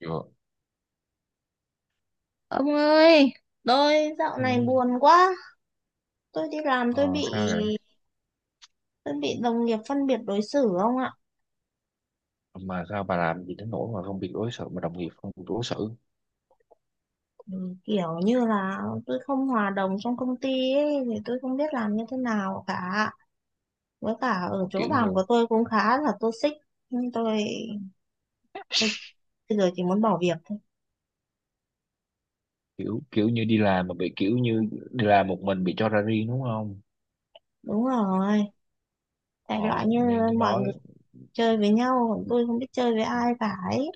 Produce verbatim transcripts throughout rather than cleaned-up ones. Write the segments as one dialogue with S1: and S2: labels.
S1: Dạ.
S2: Ông ơi, tôi dạo
S1: Ừ.
S2: này buồn quá. Tôi đi làm tôi
S1: Ờ,
S2: bị
S1: sao vậy?
S2: tôi bị đồng nghiệp phân biệt đối xử ông ạ.
S1: Mà sao bà làm gì đến nỗi mà không bị đối xử mà đồng nghiệp không biết đối xử?
S2: Ừ, kiểu như là tôi không hòa đồng trong công ty ấy, thì tôi không biết làm như thế nào cả. Với cả ở
S1: Ờ,
S2: chỗ
S1: Kiểu
S2: làm
S1: như
S2: của tôi cũng khá là toxic. Nhưng tôi, tôi bây giờ chỉ muốn bỏ việc thôi.
S1: kiểu kiểu như đi làm mà bị kiểu như đi làm một mình bị cho ra riêng đúng không?
S2: Đúng rồi. Đại
S1: Ờ,
S2: loại như
S1: nên tôi
S2: mọi
S1: nói
S2: người chơi với nhau, còn tôi không biết chơi với ai cả ấy.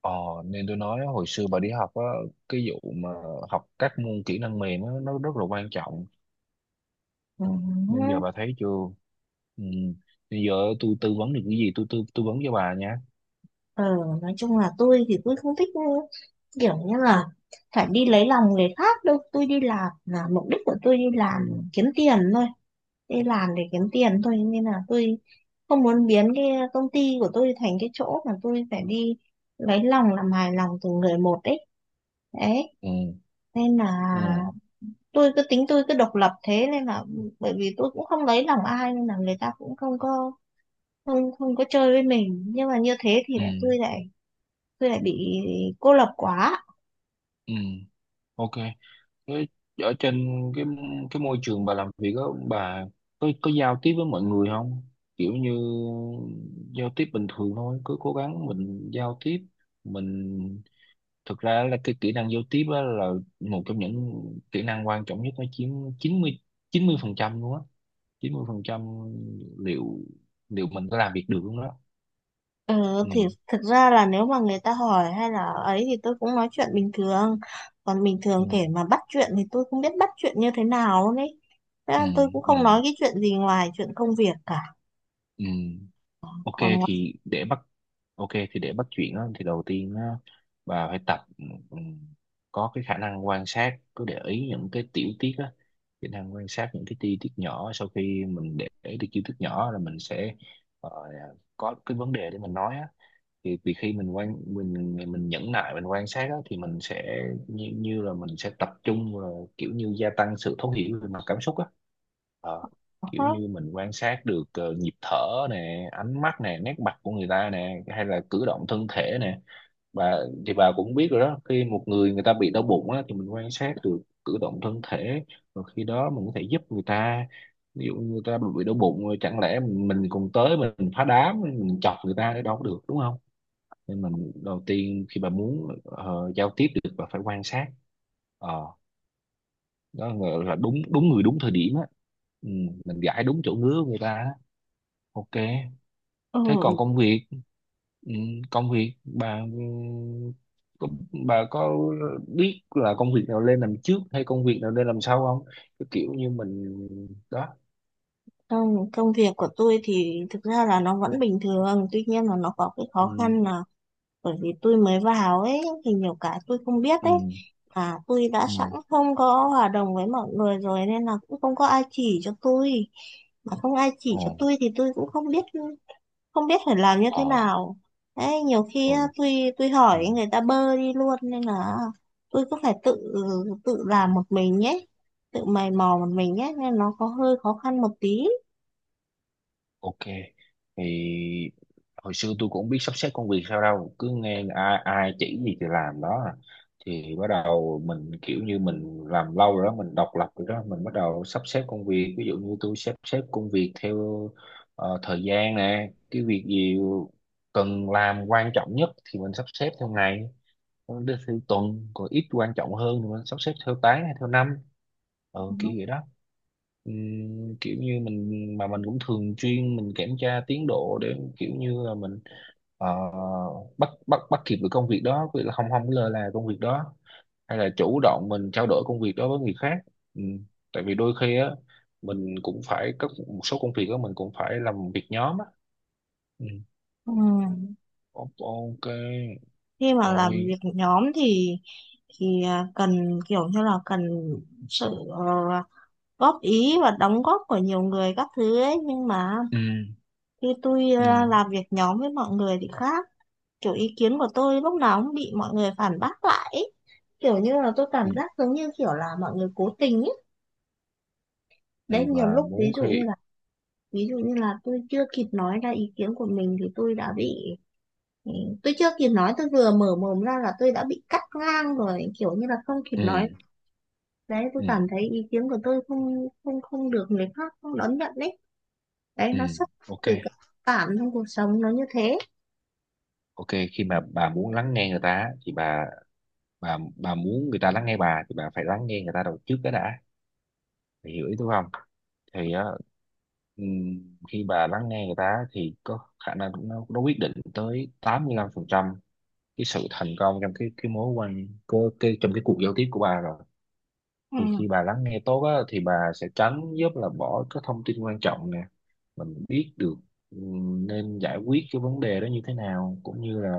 S1: ờ, nên tôi nói hồi xưa bà đi học á, cái vụ mà học các môn kỹ năng mềm á, nó rất là quan trọng.
S2: Ừ.
S1: Nên giờ bà thấy chưa? Ừ. Bây giờ tôi tư vấn được cái gì tôi tư tư vấn cho bà nha.
S2: Ờ, nói chung là tôi thì tôi không thích kiểu như là phải đi lấy lòng người khác đâu. Tôi đi làm là mục đích của tôi đi làm kiếm tiền thôi, đi làm để kiếm tiền thôi, nên là tôi không muốn biến cái công ty của tôi thành cái chỗ mà tôi phải đi lấy lòng, làm hài lòng từng người một ấy, đấy.
S1: Ừ.
S2: Nên là
S1: Ừ.
S2: tôi cứ tính tôi cứ độc lập, thế nên là bởi vì tôi cũng không lấy lòng ai nên là người ta cũng không có, không không có chơi với mình, nhưng mà như thế thì
S1: Ừ.
S2: lại tôi lại tôi lại bị cô lập quá.
S1: Ừ. Ok. Với- ở trên cái cái môi trường bà làm việc đó, bà có có giao tiếp với mọi người không, kiểu như giao tiếp bình thường thôi, cứ cố gắng mình giao tiếp. Mình thực ra là cái kỹ năng giao tiếp á là một trong những kỹ năng quan trọng nhất, nó chiếm chín mươi chín mươi phần trăm luôn á, chín mươi phần trăm liệu liệu mình có làm việc được không đó.
S2: ừ, thì
S1: Ừ
S2: thực ra là nếu mà người ta hỏi hay là ấy thì tôi cũng nói chuyện bình thường, còn bình
S1: ừ.
S2: thường kể mà bắt chuyện thì tôi không biết bắt chuyện như thế nào luôn ấy. Thế
S1: Ừ.
S2: nên tôi cũng
S1: Ừ.
S2: không nói cái chuyện gì ngoài chuyện công việc cả.
S1: Ừ. Ok,
S2: Còn ngoài
S1: thì để bắt ok thì để bắt chuyện á, thì đầu tiên á, bà phải tập, ừm, có cái khả năng quan sát, cứ để ý những cái tiểu tiết á, khả năng quan sát những cái chi tiết nhỏ. Sau khi mình để ý được chi tiết nhỏ là mình sẽ ờ, có cái vấn đề để mình nói á, thì vì khi mình quan mình mình nhẫn nại mình quan sát á, thì mình sẽ như, như là mình sẽ tập trung và kiểu như gia tăng sự thấu hiểu về mặt cảm xúc á. Ờ, kiểu
S2: đó,
S1: như mình quan sát được ờ, nhịp thở nè, ánh mắt nè, nét mặt của người ta nè, hay là cử động thân thể nè. Bà thì bà cũng biết rồi đó, khi một người người ta bị đau bụng á thì mình quan sát được cử động thân thể, rồi khi đó mình có thể giúp người ta. Ví dụ người ta bị đau bụng rồi, chẳng lẽ mình, mình còn tới mình phá đám, mình chọc người ta để đâu có được đúng không? Nên mình đầu tiên khi bà muốn ờ, giao tiếp được, bà phải quan sát. Ờ, đó là là đúng đúng người đúng thời điểm á, ừ, mình gãi đúng chỗ ngứa của người ta á. Ok, thế còn
S2: ừ,
S1: công việc, ừ, công việc bà ừ, có- bà có biết là công việc nào lên làm trước hay công việc nào lên làm sau không? Cái kiểu như mình đó.
S2: công, công việc của tôi thì thực ra là nó vẫn bình thường, tuy nhiên là nó có cái khó
S1: Ừ.
S2: khăn là bởi vì tôi mới vào ấy thì nhiều cái tôi không biết ấy,
S1: Ừ.
S2: và tôi đã
S1: Ừ.
S2: sẵn không có hòa đồng với mọi người rồi nên là cũng không có ai chỉ cho tôi. Mà không ai chỉ
S1: Ồ.
S2: cho tôi thì tôi cũng không biết, không biết phải làm như thế
S1: Ờ.
S2: nào. Đấy, nhiều khi
S1: Ừ.
S2: á, tôi tôi
S1: Ừ.
S2: hỏi người ta bơ đi luôn, nên là tôi cứ phải tự tự làm một mình nhé, tự mày mò một mình nhé, nên nó có hơi khó khăn một tí.
S1: Ok, thì hồi xưa tôi cũng không biết sắp xếp công việc sao đâu, cứ nghe ai, ai chỉ gì thì làm đó à. Thì bắt đầu mình, kiểu như mình làm lâu rồi đó, mình độc lập rồi đó, mình bắt đầu sắp xếp công việc. Ví dụ như tôi sắp xếp công việc theo ờ, thời gian nè, cái việc gì cần làm quan trọng nhất thì mình sắp xếp theo ngày, còn đưa theo tuần, còn ít quan trọng hơn thì mình sắp xếp theo tháng hay theo năm. Ờ, kiểu vậy đó. Ừm, kiểu như mình mà mình cũng thường xuyên mình kiểm tra tiến độ để kiểu như là mình ờ, bắt bắt bắt kịp được công việc đó, vì là không không có lơ là công việc đó, hay là chủ động mình trao đổi công việc đó với người khác. Ừ. Tại vì đôi khi á mình cũng phải có một số công việc đó mình cũng phải làm việc nhóm á. Ừ.
S2: Ừ.
S1: Ok.
S2: Khi mà làm
S1: Rồi.
S2: việc nhóm thì thì à, cần kiểu như là cần sự ờ, góp ý và đóng góp của nhiều người các thứ ấy, nhưng mà
S1: Ừ.
S2: khi tôi
S1: Ừ.
S2: à, làm việc nhóm với mọi người thì khác, kiểu ý kiến của tôi lúc nào cũng bị mọi người phản bác lại ấy. Kiểu như là tôi
S1: Ừ.
S2: cảm giác giống như kiểu là mọi người cố tình ấy. Đấy,
S1: Thì
S2: nhiều
S1: bà
S2: lúc ví
S1: muốn
S2: dụ như
S1: khi
S2: là ví dụ như là tôi chưa kịp nói ra ý kiến của mình thì tôi đã bị Ừ, tôi chưa kịp nói, tôi vừa mở mồm ra là tôi đã bị cắt ngang rồi, kiểu như là không kịp
S1: ừ
S2: nói. Đấy, tôi
S1: ừ
S2: cảm thấy ý kiến của tôi không không không được người khác không đón nhận đấy. Đấy,
S1: ừ.
S2: nó xuất phát
S1: Ok.
S2: từ cái cảm trong cuộc sống nó như thế.
S1: Ok, khi mà bà muốn lắng nghe người ta á, thì bà bà bà muốn người ta lắng nghe bà thì bà phải lắng nghe người ta đầu trước cái đã. Bà hiểu ý tôi không? Thì á, ừm, khi bà lắng nghe người ta á, thì có khả năng nó, nó quyết định tới tám mươi lăm phần trăm cái sự thành công trong cái cái mối quan cơ cái trong cái cuộc giao tiếp của bà rồi.
S2: Ừ.
S1: Thì khi bà lắng nghe tốt á, thì bà sẽ tránh giúp là bỏ các thông tin quan trọng, mình biết được ừ, nên giải quyết cái vấn đề đó như thế nào, cũng như là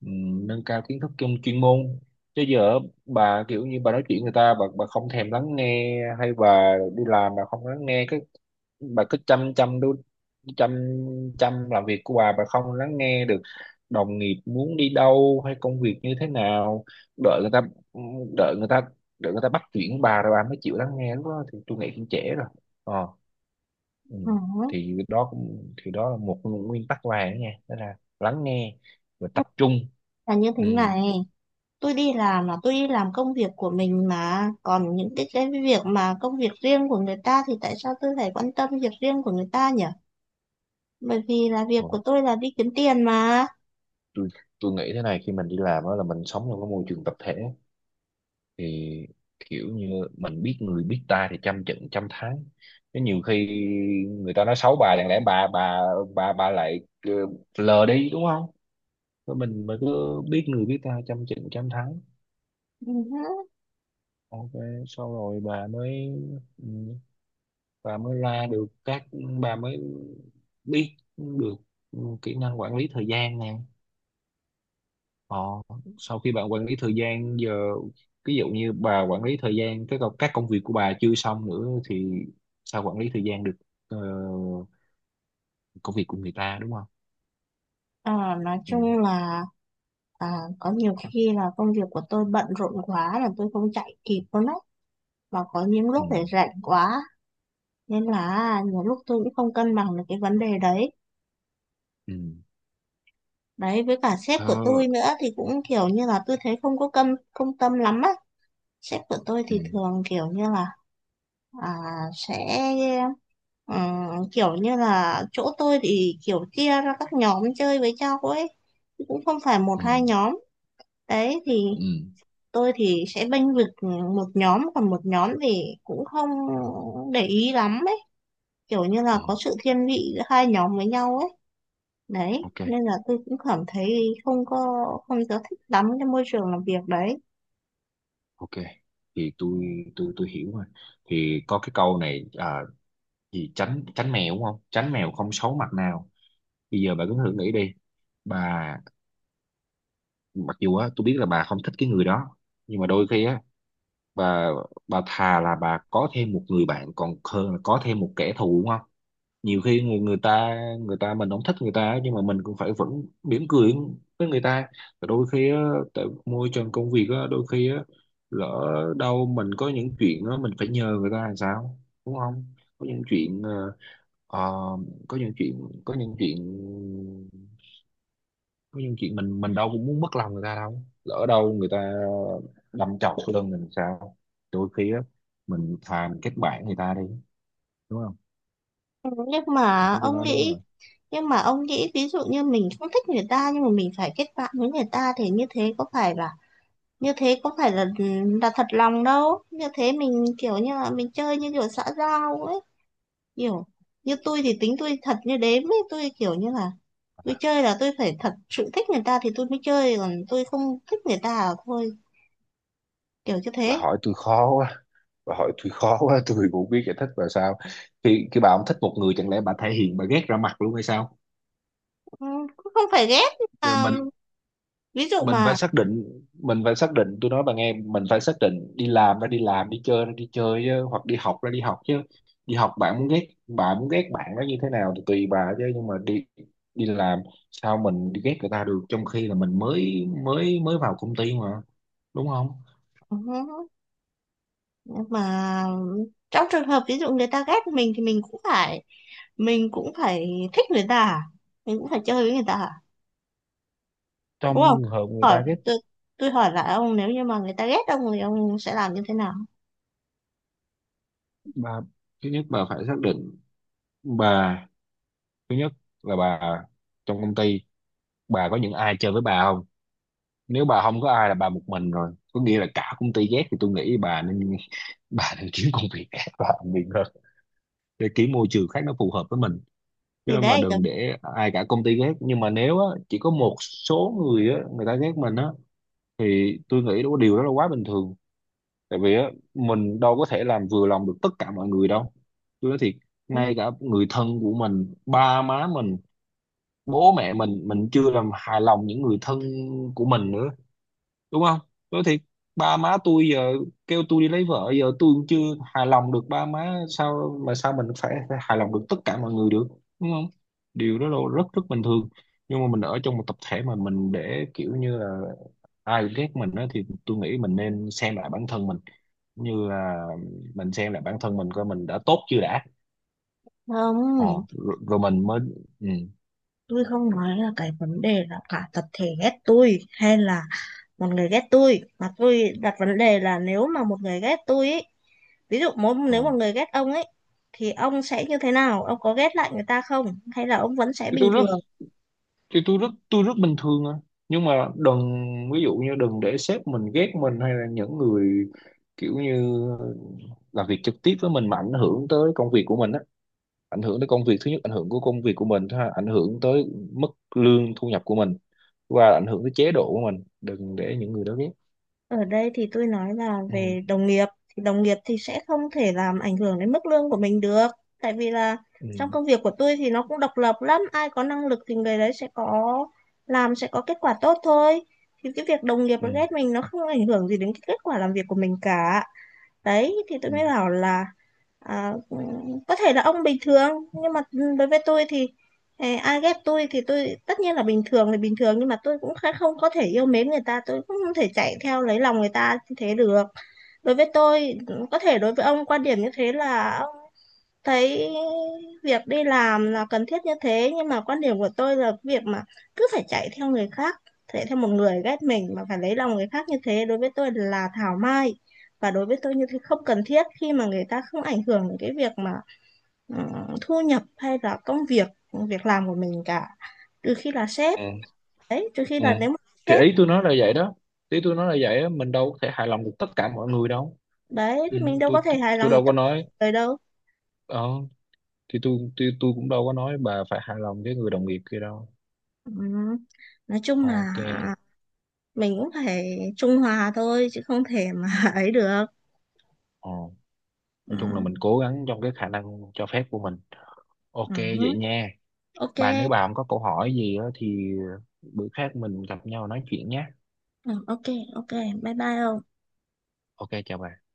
S1: ừ, nâng cao kiến thức trong chuyên môn. Chứ giờ bà kiểu như bà nói chuyện người ta bà bà không thèm lắng nghe, hay bà đi làm bà không lắng nghe cái bà cứ chăm chăm đu chăm chăm làm việc của bà bà không lắng nghe được đồng nghiệp muốn đi đâu hay công việc như thế nào. đợi người ta đợi người ta Đợi người ta bắt chuyện bà rồi bà mới chịu lắng nghe, lúc đó thì tôi nghĩ cũng trễ rồi. Ờ. Ừ.
S2: Ừ.
S1: Thì đó cũng thì đó là một nguyên tắc vàng đó nha, đó là lắng nghe và tập trung.
S2: Là như thế
S1: Ừ.
S2: này, tôi đi làm là tôi đi làm công việc của mình, mà còn những cái cái việc mà công việc riêng của người ta thì tại sao tôi phải quan tâm việc riêng của người ta nhỉ? Bởi vì là việc
S1: Còn
S2: của tôi là đi kiếm tiền mà.
S1: tôi tôi nghĩ thế này, khi mình đi làm đó là mình sống trong cái môi trường tập thể, thì kiểu như mình biết người biết ta thì trăm trận trăm thắng. Chứ nhiều khi người ta nói xấu bà, chẳng lẽ bà bà bà bà lại ờ, lờ đi đúng không? Rồi mình mới cứ biết người biết ta trăm trận trăm thắng.
S2: Ừ.
S1: Ok, sau rồi bà mới ừ, và mới ra được các bà mới biết được kỹ năng quản lý thời gian nè. Họ sau khi bạn quản lý thời gian giờ, ví dụ như bà quản lý thời gian cái công- các công việc của bà chưa xong nữa thì sao quản lý thời gian được ờ, công việc của người ta đúng không?
S2: Ờ, nói
S1: Ừ.
S2: chung là à, có nhiều khi là công việc của tôi bận rộn quá là tôi không chạy kịp luôn đấy, và có những lúc để
S1: Ừ.
S2: rảnh quá, nên là à, nhiều lúc tôi cũng không cân bằng được cái vấn đề đấy.
S1: Ừ.
S2: Đấy, với cả sếp của
S1: Thơ.
S2: tôi nữa thì cũng kiểu như là tôi thấy không có câm công tâm lắm á. Sếp của tôi
S1: Ừ.
S2: thì thường kiểu như là à, sẽ ừ, kiểu như là chỗ tôi thì kiểu chia ra các nhóm chơi với nhau ấy, chứ cũng không phải một
S1: Ừ.
S2: hai nhóm. Đấy thì
S1: Ừ.
S2: tôi thì sẽ bênh vực ừ, một nhóm, còn một nhóm thì cũng không để ý lắm ấy, kiểu như là
S1: Ừ.
S2: có sự thiên vị giữa hai nhóm với nhau ấy. Đấy
S1: Ok.
S2: nên là tôi cũng cảm thấy không có, không có thích lắm cái môi trường làm việc đấy.
S1: Ok, thì tôi tôi tôi hiểu rồi, thì có cái câu này à, gì tránh tránh mèo đúng không, tránh mèo không xấu mặt nào. Bây giờ bà cứ thử nghĩ đi, bà mặc dù á tôi biết là bà không thích cái người đó, nhưng mà đôi khi á bà bà thà là bà có thêm một người bạn còn hơn là có thêm một kẻ thù đúng không? Nhiều khi người người ta người ta mình không thích người ta á, nhưng mà mình cũng phải vẫn mỉm cười với người ta. Và đôi khi á tại môi trường công việc á đôi khi á lỡ đâu mình có những chuyện á mình phải nhờ người ta làm sao đúng không? Có những chuyện ờ, ờ, có những chuyện có những chuyện Có những chuyện mình mình đâu cũng muốn mất lòng người ta đâu, lỡ đâu người ta đâm chọc sau lưng mình sao? Đôi khi á mình thà mình kết bạn người ta đi đúng không?
S2: Ừ, nhưng
S1: Bà
S2: mà
S1: thấy tôi
S2: ông
S1: nói đúng
S2: nghĩ
S1: rồi.
S2: nhưng mà ông nghĩ ví dụ như mình không thích người ta nhưng mà mình phải kết bạn với người ta thì như thế có phải là như thế có phải là ừ, là thật lòng đâu, như thế mình kiểu như là mình chơi như kiểu xã giao ấy, kiểu như tôi thì tính tôi thật như đếm ấy, tôi kiểu như là tôi
S1: à,
S2: chơi là tôi phải thật sự thích người ta thì tôi mới chơi, còn tôi không thích người ta là thôi, kiểu như
S1: bà
S2: thế.
S1: hỏi tôi khó quá, bà hỏi tôi khó quá tôi cũng biết giải thích và sao? Khi khi bà không thích một người chẳng lẽ bà thể hiện bà ghét ra mặt luôn hay sao?
S2: Ừ, cũng không phải ghét nhưng
S1: Rồi
S2: mà
S1: mình,
S2: ví dụ
S1: mình phải
S2: mà
S1: xác định mình phải xác định tôi nói bạn nghe, mình phải xác định đi làm ra đi làm, đi chơi ra đi chơi chứ, hoặc đi học ra đi học chứ. Đi học bạn muốn ghét bạn muốn ghét bạn nó như thế nào thì tùy bà chứ, nhưng mà đi đi làm sao mình đi ghét người ta được, trong khi là mình mới mới mới vào công ty mà đúng không?
S2: ừ, mà trong trường hợp ví dụ người ta ghét mình thì mình cũng phải mình cũng phải thích người ta à? Mình cũng phải chơi với người ta à? Đúng không?
S1: Trong trường hợp người
S2: Hỏi
S1: ta ghét
S2: tôi tôi hỏi lại ông nếu như mà người ta ghét ông thì ông sẽ làm như thế nào?
S1: bà, thứ nhất bà phải xác định bà, thứ nhất là bà trong công ty bà có những ai chơi với bà không? Nếu bà không có ai là bà một mình rồi, có nghĩa là cả công ty ghét thì tôi nghĩ bà nên bà nên kiếm công việc khác và làm việc hơn, để kiếm môi trường khác nó phù hợp với mình. Chứ
S2: Thì
S1: mà
S2: đấy được
S1: đừng để ai cả công ty ghét, nhưng mà nếu á, chỉ có một số người á, người ta ghét mình á thì tôi nghĩ đó điều đó là quá bình thường. Tại vì á, mình đâu có thể làm vừa lòng được tất cả mọi người đâu, tôi nói thiệt. Ngay cả người thân của mình, ba má mình, bố mẹ mình mình chưa làm hài lòng những người thân của mình nữa đúng không? Nói thiệt, ba má tôi giờ kêu tôi đi lấy vợ giờ tôi cũng chưa hài lòng được ba má, sao mà sao mình phải hài lòng được tất cả mọi người được đúng không? Điều đó là rất rất bình thường. Nhưng mà mình ở trong một tập thể mà mình để kiểu như là ai ghét mình á thì tôi nghĩ mình nên xem lại bản thân mình, như là mình xem lại bản thân mình coi mình đã tốt chưa đã. Ờ,
S2: không,
S1: rồi, rồi mình mới ừ,
S2: tôi không nói là cái vấn đề là cả tập thể ghét tôi hay là một người ghét tôi, mà tôi đặt vấn đề là nếu mà một người ghét tôi ấy, ví dụ mỗi
S1: ờ.
S2: nếu một người ghét ông ấy thì ông sẽ như thế nào, ông có ghét lại người ta không hay là ông vẫn sẽ
S1: Thì
S2: bình
S1: tôi rất
S2: thường?
S1: thì tôi rất tôi rất bình thường à, nhưng mà đừng, ví dụ như đừng để sếp mình ghét mình, hay là những người kiểu như làm việc trực tiếp với mình mà ảnh hưởng tới công việc của mình á. Ảnh hưởng tới công việc, thứ nhất ảnh hưởng của công việc của mình, thứ hai ảnh hưởng tới mức lương thu nhập của mình, và ảnh hưởng tới chế độ của mình, đừng để những người đó ghét.
S2: Ở đây thì tôi nói là
S1: Ừ.
S2: về đồng nghiệp thì đồng nghiệp thì sẽ không thể làm ảnh hưởng đến mức lương của mình được, tại vì là
S1: Ừ.
S2: trong công việc của tôi thì nó cũng độc lập lắm, ai có năng lực thì người đấy sẽ có làm sẽ có kết quả tốt thôi. Thì cái việc đồng nghiệp
S1: Ừ.
S2: nó ghét mình nó không ảnh hưởng gì đến cái kết quả làm việc của mình cả. Đấy thì tôi
S1: Ừ.
S2: mới bảo là à, có thể là ông bình thường nhưng mà đối với tôi thì eh, ai ghét tôi thì tôi tất nhiên là bình thường thì bình thường, nhưng mà tôi cũng khá- không có thể yêu mến người ta, tôi cũng không thể chạy theo lấy lòng người ta như thế được. Đối với tôi, có thể đối với ông quan điểm như thế là thấy việc đi làm là cần thiết như thế, nhưng mà quan điểm của tôi là việc mà cứ phải chạy theo người khác, chạy theo một người ghét mình mà phải lấy lòng người khác như thế đối với tôi là thảo mai, và đối với tôi như thế không cần thiết khi mà người ta không ảnh hưởng đến cái việc mà ừ, thu nhập hay là công việc, việc làm của mình cả, trừ khi là sếp.
S1: Ừ.
S2: Đấy, trừ khi
S1: Ừ.
S2: là nếu mà
S1: Thì
S2: sếp.
S1: ý tôi nói là vậy đó, ý tôi nói là vậy á, mình đâu có thể hài lòng được tất cả mọi người đâu.
S2: Đấy
S1: Ừ,
S2: thì mình đâu
S1: tôi,
S2: có thể
S1: tôi
S2: hài
S1: tôi
S2: lòng được
S1: đâu
S2: tất
S1: có
S2: cả
S1: nói,
S2: mọi người đâu.
S1: ờ, thì tôi tôi tôi cũng đâu có nói bà phải hài lòng với người đồng nghiệp kia đâu.
S2: Ừ. Nói chung là
S1: Ok.
S2: mình cũng phải trung hòa thôi chứ không thể mà ấy được.
S1: Ờ. Nói chung là
S2: ừ,
S1: mình cố gắng trong cái khả năng cho phép của mình, ok
S2: ừ,
S1: vậy nha.
S2: ok.
S1: Bà nếu bà không có câu hỏi gì á thì bữa khác mình gặp nhau nói chuyện nhé.
S2: ừ, ok. Ok, bye bye ông.
S1: Ok, chào bà.